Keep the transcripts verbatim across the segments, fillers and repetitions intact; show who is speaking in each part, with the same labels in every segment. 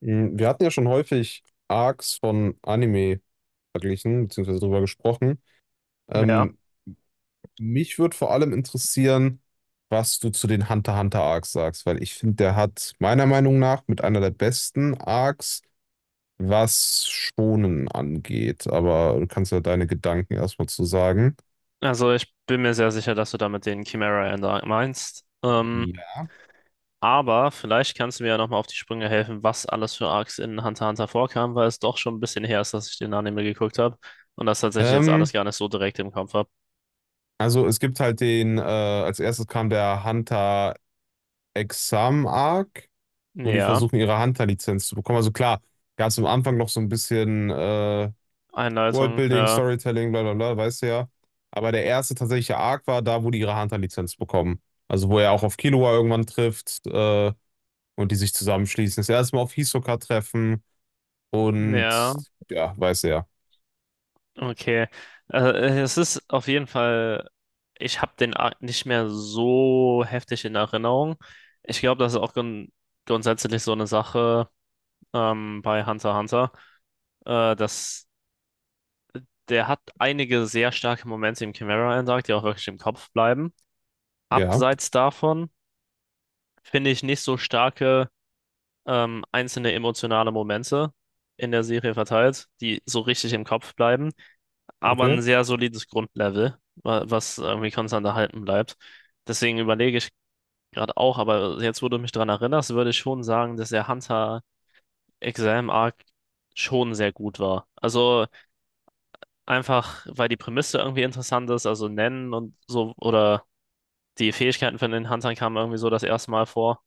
Speaker 1: Mm, Wir hatten ja schon häufig Arcs von Anime verglichen, beziehungsweise drüber gesprochen.
Speaker 2: Ja,
Speaker 1: Ähm, mich würde vor allem interessieren, was du zu den Hunter x Hunter Arcs sagst, weil ich finde, der hat meiner Meinung nach mit einer der besten Arcs, was Schonen angeht. Aber du kannst ja deine Gedanken erstmal zu sagen.
Speaker 2: also ich bin mir sehr sicher, dass du damit den Chimera Ender meinst. Ähm,
Speaker 1: Ja.
Speaker 2: Aber vielleicht kannst du mir ja nochmal auf die Sprünge helfen, was alles für Arcs in Hunter x Hunter vorkam, weil es doch schon ein bisschen her ist, dass ich den Anime geguckt habe und das tatsächlich jetzt alles
Speaker 1: Ähm,
Speaker 2: gar nicht so direkt im Kopf habe.
Speaker 1: also es gibt halt den, äh, als erstes kam der Hunter Exam Arc. Wo die
Speaker 2: Ja,
Speaker 1: versuchen, ihre Hunter-Lizenz zu bekommen. Also klar, ganz am Anfang noch so ein bisschen äh,
Speaker 2: Einleitung,
Speaker 1: Worldbuilding,
Speaker 2: ja,
Speaker 1: Storytelling, bla bla bla, weißt du ja. Aber der erste tatsächliche Arc war da, wo die ihre Hunter-Lizenz bekommen. Also wo er auch auf Killua irgendwann trifft äh, und die sich zusammenschließen. Das erste Mal auf Hisoka treffen und
Speaker 2: ja,
Speaker 1: ja, weiß er.
Speaker 2: okay. Also, Äh, es ist auf jeden Fall, ich habe den Arc nicht mehr so heftig in Erinnerung. Ich glaube, das ist auch grund grundsätzlich so eine Sache, ähm, bei Hunter x Hunter, äh, dass der hat einige sehr starke Momente im Chimera End Arc, die auch wirklich im Kopf bleiben.
Speaker 1: Ja, ja,
Speaker 2: Abseits davon finde ich nicht so starke, ähm, einzelne emotionale Momente in der Serie verteilt, die so richtig im Kopf bleiben, aber ein
Speaker 1: okay,
Speaker 2: sehr solides Grundlevel, wa- was irgendwie konstant erhalten bleibt. Deswegen überlege ich gerade auch, aber jetzt, wo du mich daran erinnerst, würde ich schon sagen, dass der Hunter Exam Arc schon sehr gut war. Also einfach, weil die Prämisse irgendwie interessant ist, also Nennen und so, oder die Fähigkeiten von den Huntern kamen irgendwie so das erste Mal vor.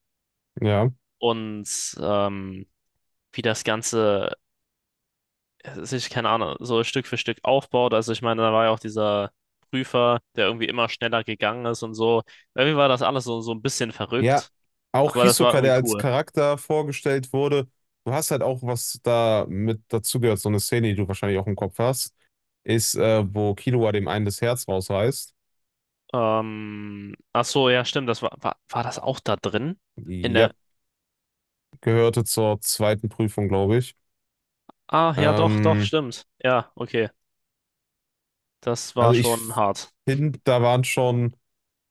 Speaker 1: ja.
Speaker 2: Und ähm, wie das Ganze, ja, sich, keine Ahnung, so Stück für Stück aufbaut. Also ich meine, da war ja auch dieser Prüfer, der irgendwie immer schneller gegangen ist und so. Irgendwie war das alles so, so ein bisschen
Speaker 1: Ja,
Speaker 2: verrückt,
Speaker 1: auch
Speaker 2: aber das war
Speaker 1: Hisoka, der
Speaker 2: irgendwie
Speaker 1: als
Speaker 2: cool.
Speaker 1: Charakter vorgestellt wurde. Du hast halt auch was da mit dazugehört, so eine Szene, die du wahrscheinlich auch im Kopf hast, ist, äh, wo Killua dem einen das Herz rausreißt.
Speaker 2: Ähm, ach so, ja, stimmt, das war, war, war das auch da drin? In
Speaker 1: Ja,
Speaker 2: der,
Speaker 1: gehörte zur zweiten Prüfung, glaube ich.
Speaker 2: ah, ja, doch, doch,
Speaker 1: Ähm,
Speaker 2: stimmt. Ja, okay, das war
Speaker 1: also ich
Speaker 2: schon hart.
Speaker 1: finde, da waren schon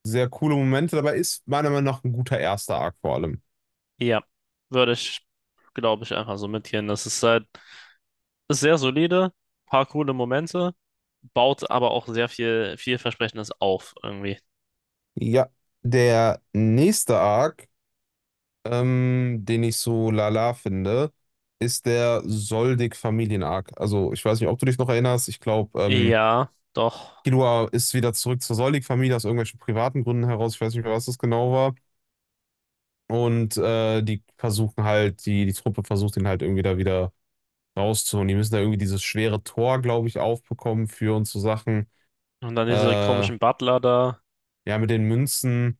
Speaker 1: sehr coole Momente dabei. Ist meiner Meinung nach ein guter erster Arc vor allem.
Speaker 2: Ja, würde ich, glaube ich, einfach so mitgehen. Das ist halt, ist sehr solide, paar coole Momente, baut aber auch sehr viel vielversprechendes auf irgendwie.
Speaker 1: Ja, der nächste Arc, ähm, den ich so lala finde, ist der Soldig-Familien-Arc. Also ich weiß nicht, ob du dich noch erinnerst. Ich glaube, ähm,
Speaker 2: Ja, doch.
Speaker 1: Killua ist wieder zurück zur Soldig-Familie aus irgendwelchen privaten Gründen heraus. Ich weiß nicht mehr, was das genau war. Und äh, die versuchen halt, die, die Truppe versucht ihn halt irgendwie da wieder rauszuholen. Die müssen da irgendwie dieses schwere Tor, glaube ich, aufbekommen für und so Sachen.
Speaker 2: Und dann
Speaker 1: Äh,
Speaker 2: diese
Speaker 1: ja,
Speaker 2: komischen Butler da.
Speaker 1: mit den Münzen.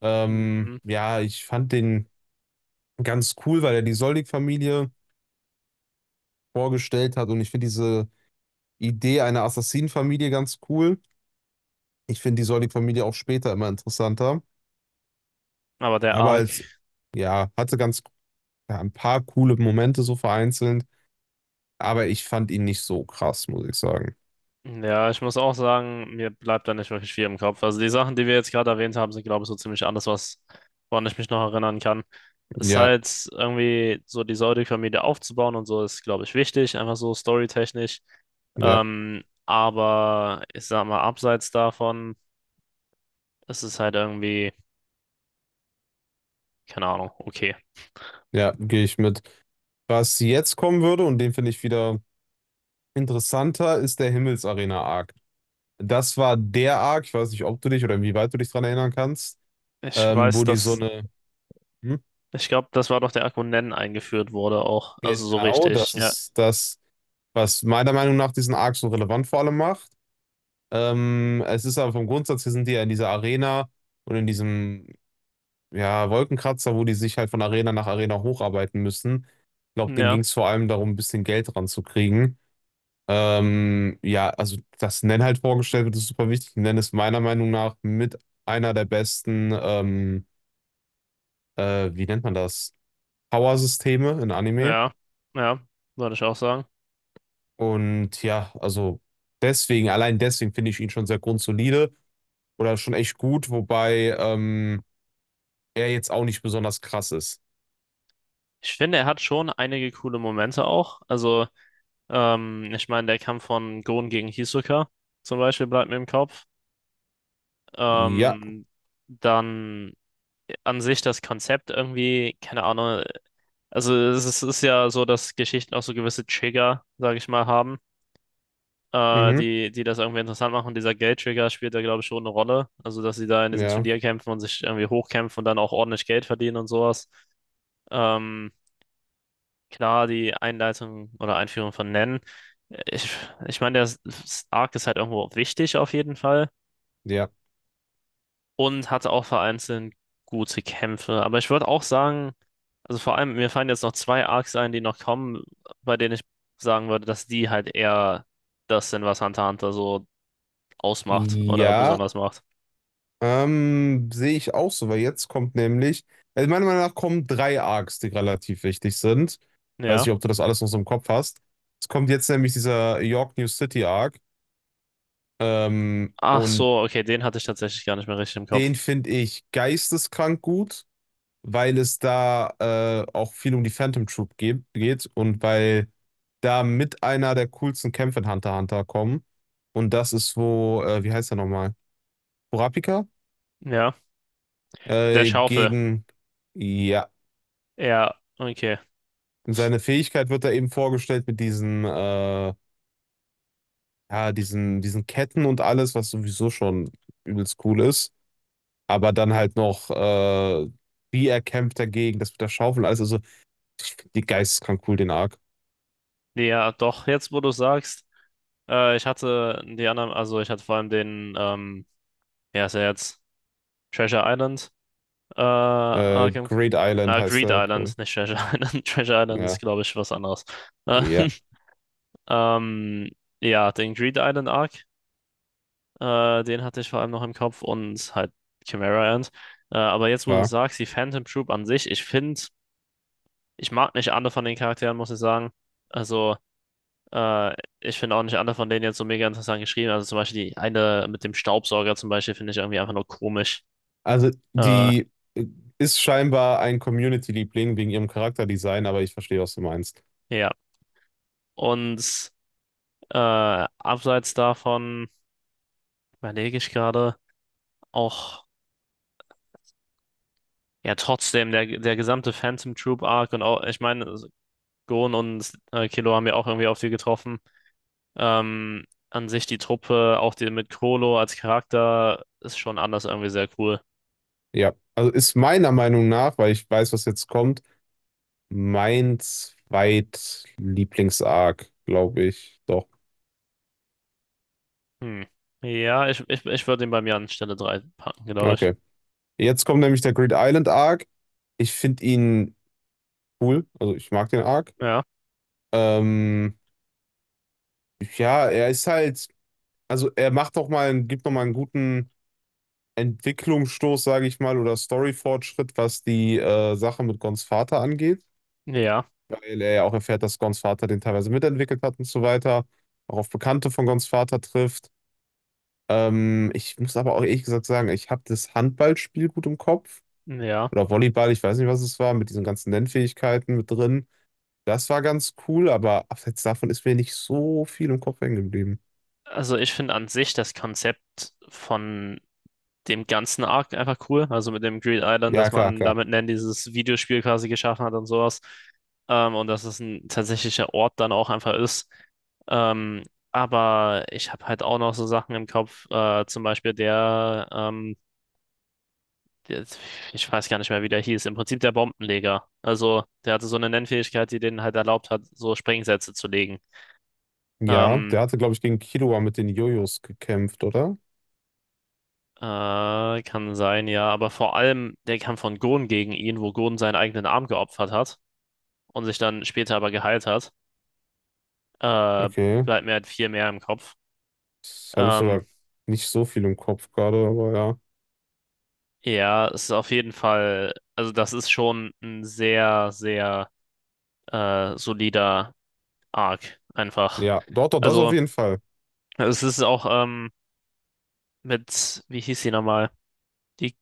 Speaker 1: Ähm,
Speaker 2: Mhm.
Speaker 1: ja, ich fand den ganz cool, weil er die Soldig-Familie vorgestellt hat. Und ich finde diese Idee einer Assassinenfamilie ganz cool. Ich finde die Soldig-Familie auch später immer interessanter.
Speaker 2: Aber der
Speaker 1: Aber
Speaker 2: Arc,
Speaker 1: als, ja, hatte ganz ja, ein paar coole Momente so vereinzelt. Aber ich fand ihn nicht so krass, muss ich sagen.
Speaker 2: ja, ich muss auch sagen, mir bleibt da nicht wirklich viel im Kopf. Also die Sachen, die wir jetzt gerade erwähnt haben, sind, glaube ich, so ziemlich alles, was, woran ich mich noch erinnern kann. Es ist
Speaker 1: Ja,
Speaker 2: halt irgendwie so die Säudig-Familie aufzubauen und so ist, glaube ich, wichtig, einfach so storytechnisch.
Speaker 1: ja,
Speaker 2: Ähm, aber ich sag mal, abseits davon. Das ist halt irgendwie, keine Ahnung, okay.
Speaker 1: ja, gehe ich mit. Was jetzt kommen würde, und den finde ich wieder interessanter, ist der Himmelsarena-Arc. Das war der Arc, ich weiß nicht, ob du dich oder wie weit du dich dran erinnern kannst,
Speaker 2: Ich
Speaker 1: ähm,
Speaker 2: weiß,
Speaker 1: wo die so
Speaker 2: dass,
Speaker 1: eine. Hm?
Speaker 2: ich glaube, das war doch der Akku eingeführt wurde auch. Also so
Speaker 1: Genau,
Speaker 2: richtig,
Speaker 1: das
Speaker 2: ja.
Speaker 1: ist das, was meiner Meinung nach diesen Arc so relevant vor allem macht. Ähm, es ist aber vom Grundsatz her sind die ja in dieser Arena und in diesem, ja, Wolkenkratzer, wo die sich halt von Arena nach Arena hocharbeiten müssen. Ich glaube, denen
Speaker 2: Ja,
Speaker 1: ging es vor allem darum, ein bisschen Geld ranzukriegen. Ähm, ja, also dass Nen halt vorgestellt wird, ist super wichtig. Nen ist meiner Meinung nach mit einer der besten, ähm, äh, wie nennt man das? Power-Systeme in Anime.
Speaker 2: ja, ja, würde ich auch sagen.
Speaker 1: Und ja, also deswegen, allein deswegen finde ich ihn schon sehr grundsolide oder schon echt gut, wobei ähm, er jetzt auch nicht besonders krass ist.
Speaker 2: Ich finde, er hat schon einige coole Momente auch. Also, ähm, ich meine, der Kampf von Gon gegen Hisoka zum Beispiel bleibt mir im Kopf.
Speaker 1: Ja,
Speaker 2: Ähm, dann an sich das Konzept irgendwie, keine Ahnung. Also, es ist, es ist ja so, dass Geschichten auch so gewisse Trigger, sage ich mal, haben. äh,
Speaker 1: mhm,
Speaker 2: die, die das irgendwie interessant machen. Dieser Geldtrigger spielt da, glaube ich, schon eine Rolle. Also, dass sie da in diesen
Speaker 1: ja,
Speaker 2: Turnierkämpfen und sich irgendwie hochkämpfen und dann auch ordentlich Geld verdienen und sowas. Ähm, klar, die Einleitung oder Einführung von Nen. äh, Ich, ich meine, der S- Arc ist halt irgendwo wichtig auf jeden Fall
Speaker 1: ja.
Speaker 2: und hatte auch vereinzelt gute Kämpfe. Aber ich würde auch sagen, also vor allem, mir fallen jetzt noch zwei Arcs ein, die noch kommen, bei denen ich sagen würde, dass die halt eher das sind, was Hunter x Hunter so ausmacht oder
Speaker 1: Ja.
Speaker 2: besonders macht.
Speaker 1: Ähm, sehe ich auch so, weil jetzt kommt nämlich, also meiner Meinung nach kommen drei Arcs, die relativ wichtig sind. Weiß
Speaker 2: Ja.
Speaker 1: nicht, ob du das alles noch so im Kopf hast. Es kommt jetzt nämlich dieser York New City Arc. Ähm,
Speaker 2: Ach
Speaker 1: und
Speaker 2: so, okay, den hatte ich tatsächlich gar nicht mehr richtig im Kopf.
Speaker 1: den finde ich geisteskrank gut, weil es da äh, auch viel um die Phantom Troop geht, geht und weil da mit einer der coolsten Kämpfe in Hunter x Hunter kommen. Und das ist wo, äh, wie heißt er nochmal? Kurapika?
Speaker 2: Ja. Mit der
Speaker 1: Äh,
Speaker 2: Schaufel.
Speaker 1: gegen. Ja.
Speaker 2: Ja, okay.
Speaker 1: Und seine Fähigkeit wird da eben vorgestellt mit diesen, äh, ja, diesen, diesen Ketten und alles, was sowieso schon übelst cool ist. Aber dann halt noch, äh, wie er kämpft dagegen, das mit der Schaufel und alles. Also, die geisteskrank cool, den Arc.
Speaker 2: Nee, ja, doch, jetzt wo du sagst, äh, ich hatte die anderen, also ich hatte vor allem den, ähm, ja, ist er jetzt Treasure Island, äh,
Speaker 1: Äh,
Speaker 2: Arkham,
Speaker 1: Great Island
Speaker 2: äh,
Speaker 1: heißt
Speaker 2: Greed
Speaker 1: der.
Speaker 2: Island, nicht Treasure Island. Treasure Island ist,
Speaker 1: Ja,
Speaker 2: glaube ich, was anderes. Äh,
Speaker 1: ja,
Speaker 2: ähm, ja, den Greed Island Arc, äh, den hatte ich vor allem noch im Kopf und halt Chimera Ant. Äh, aber jetzt, wo du
Speaker 1: klar.
Speaker 2: sagst, die Phantom Troop an sich, ich finde, ich mag nicht alle von den Charakteren, muss ich sagen. Also, äh, ich finde auch nicht alle von denen jetzt so mega interessant geschrieben. Also zum Beispiel die eine mit dem Staubsauger zum Beispiel finde ich irgendwie einfach nur komisch.
Speaker 1: Also,
Speaker 2: Äh,
Speaker 1: die äh, ist scheinbar ein Community-Liebling wegen ihrem Charakterdesign, aber ich verstehe, was du meinst.
Speaker 2: ja. Und äh, abseits davon überlege ich gerade auch, ja, trotzdem, der, der gesamte Phantom Troop Arc und auch, ich meine, Gon und äh, Killua haben ja auch irgendwie auf viel getroffen. Ähm, an sich die Truppe, auch die mit Krollo als Charakter, ist schon anders irgendwie sehr cool.
Speaker 1: Ja, also ist meiner Meinung nach, weil ich weiß, was jetzt kommt, mein Zweitlieblings-Arc, glaube ich. Doch.
Speaker 2: Hm. Ja, ich, ich, ich würde ihn bei mir an Stelle drei packen, glaube ich.
Speaker 1: Okay. Jetzt kommt nämlich der Grid Island Arc. Ich finde ihn cool. Also ich mag den Arc.
Speaker 2: Ja,
Speaker 1: Ähm, ja, er ist halt, also er macht doch mal, einen- gibt noch mal einen guten Entwicklungsstoß, sage ich mal, oder Story-Fortschritt, was die äh, Sache mit Gons Vater angeht.
Speaker 2: ja,
Speaker 1: Weil er ja auch erfährt, dass Gons Vater den teilweise mitentwickelt hat und so weiter. Auch auf Bekannte von Gons Vater trifft. Ähm, ich muss aber auch ehrlich gesagt sagen, ich habe das Handballspiel gut im Kopf.
Speaker 2: ja.
Speaker 1: Oder Volleyball, ich weiß nicht, was es war, mit diesen ganzen Nennfähigkeiten mit drin. Das war ganz cool, aber abseits davon ist mir nicht so viel im Kopf hängen geblieben.
Speaker 2: Also ich finde an sich das Konzept von dem ganzen Arc einfach cool. Also mit dem Green Island,
Speaker 1: Ja,
Speaker 2: dass
Speaker 1: klar,
Speaker 2: man
Speaker 1: klar.
Speaker 2: damit Nen dieses Videospiel quasi geschaffen hat und sowas. Ähm, und dass es ein tatsächlicher Ort dann auch einfach ist. Ähm, aber ich habe halt auch noch so Sachen im Kopf, äh, zum Beispiel der ähm, jetzt, ich weiß gar nicht mehr, wie der hieß, im Prinzip der Bombenleger. Also der hatte so eine Nennfähigkeit, die denen halt erlaubt hat, so Sprengsätze zu legen.
Speaker 1: Ja,
Speaker 2: Ähm,
Speaker 1: der hatte, glaube ich, gegen Killua mit den Jojos gekämpft, oder?
Speaker 2: äh, kann sein, ja, aber vor allem der Kampf von Gon gegen ihn, wo Gon seinen eigenen Arm geopfert hat und sich dann später aber geheilt hat, äh,
Speaker 1: Okay.
Speaker 2: bleibt mir halt viel mehr im Kopf.
Speaker 1: Das habe ich
Speaker 2: Ähm,
Speaker 1: sogar nicht so viel im Kopf gerade, aber ja.
Speaker 2: ja, es ist auf jeden Fall, also das ist schon ein sehr, sehr äh, solider Arc einfach.
Speaker 1: Ja, dort, doch, doch, das auf
Speaker 2: Also
Speaker 1: jeden Fall.
Speaker 2: es ist auch, ähm, mit, wie hieß sie nochmal? Die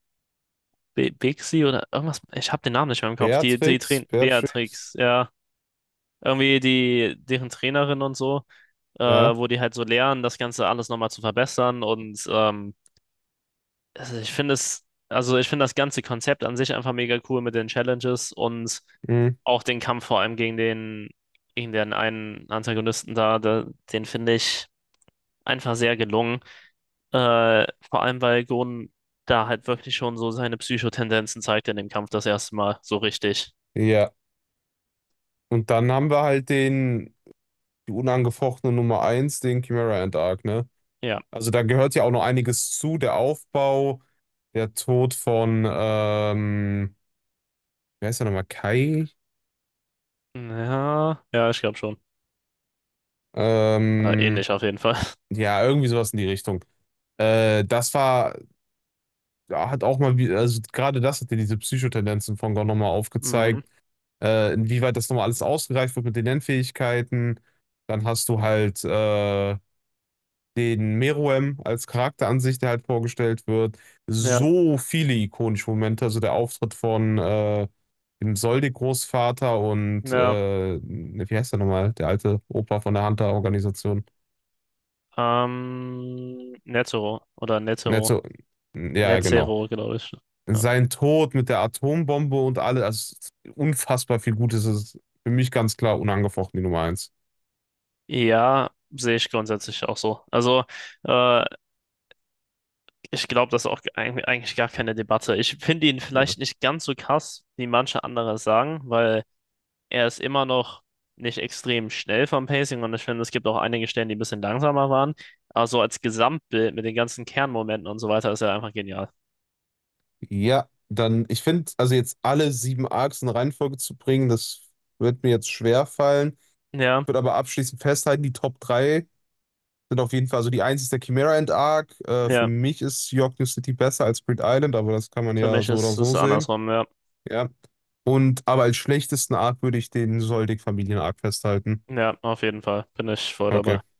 Speaker 2: B- Bixi oder irgendwas? Ich habe den Namen nicht mehr im Kopf. Die, die
Speaker 1: Beatrix,
Speaker 2: Train
Speaker 1: Beatrix,
Speaker 2: Beatrix, ja. Irgendwie die, deren Trainerin und so, äh,
Speaker 1: ja.
Speaker 2: wo die halt so lernen, das Ganze alles nochmal zu verbessern. Und ähm, also ich finde es, also ich finde das ganze Konzept an sich einfach mega cool mit den Challenges und
Speaker 1: Mhm.
Speaker 2: auch den Kampf vor allem gegen den, gegen den einen Antagonisten da, da den finde ich einfach sehr gelungen. Äh, vor allem, weil Gon da halt wirklich schon so seine Psychotendenzen zeigt in dem Kampf das erste Mal. So richtig.
Speaker 1: Ja. Und dann haben wir halt den, die unangefochtene Nummer eins, den Chimera and Arc, ne?
Speaker 2: Ja.
Speaker 1: Also da gehört ja auch noch einiges zu, der Aufbau, der Tod von, ähm, wie heißt der nochmal, Kai?
Speaker 2: Ja, ja, ich glaube schon. Äh,
Speaker 1: Ähm,
Speaker 2: ähnlich auf jeden Fall.
Speaker 1: ja, irgendwie sowas in die Richtung. Äh, das war, ja, hat auch mal, wie- also gerade das hat ja diese Psychotendenzen von Gon nochmal
Speaker 2: Mhm.
Speaker 1: aufgezeigt, äh, inwieweit das nochmal alles ausgereift wird mit den Lernfähigkeiten. Dann hast du halt äh, den Meruem als Charakter an sich, der halt vorgestellt wird.
Speaker 2: Ja,
Speaker 1: So viele ikonische Momente, also der Auftritt von äh, dem Soldi-Großvater und
Speaker 2: ja.
Speaker 1: äh, ne, wie heißt der nochmal? Der alte Opa von der Hunter-Organisation.
Speaker 2: Ähm, Netero oder Netero.
Speaker 1: Netzo, ja, genau.
Speaker 2: Netero, glaube ich. Ja,
Speaker 1: Sein Tod mit der Atombombe und alles, also unfassbar viel Gutes ist für mich ganz klar unangefochten die Nummer eins.
Speaker 2: ja sehe ich grundsätzlich auch so. Also, äh, ich glaube, das ist auch eig- eigentlich gar keine Debatte. Ich finde ihn
Speaker 1: Ja.
Speaker 2: vielleicht nicht ganz so krass, wie manche andere es sagen, weil er ist immer noch nicht extrem schnell vom Pacing und ich finde, es gibt auch einige Stellen, die ein bisschen langsamer waren. Aber so als Gesamtbild mit den ganzen Kernmomenten und so weiter ist er einfach genial.
Speaker 1: Ja, dann, ich finde, also jetzt alle sieben Arcs in Reihenfolge zu bringen, das wird mir jetzt schwer fallen.
Speaker 2: Ja,
Speaker 1: Würde aber abschließend festhalten, die Top drei sind auf jeden Fall, also die eins ist der Chimera Ant Arc. Äh, für
Speaker 2: ja,
Speaker 1: mich ist York New City besser als Grid Island, aber das kann man
Speaker 2: für
Speaker 1: ja
Speaker 2: mich
Speaker 1: so oder
Speaker 2: ist
Speaker 1: so
Speaker 2: es
Speaker 1: sehen.
Speaker 2: andersrum, ja.
Speaker 1: Ja. Und aber als schlechtesten Arc würde ich den Soldig Familien Arc festhalten.
Speaker 2: Ja, auf jeden Fall bin ich voll
Speaker 1: Okay,
Speaker 2: dabei.
Speaker 1: äh,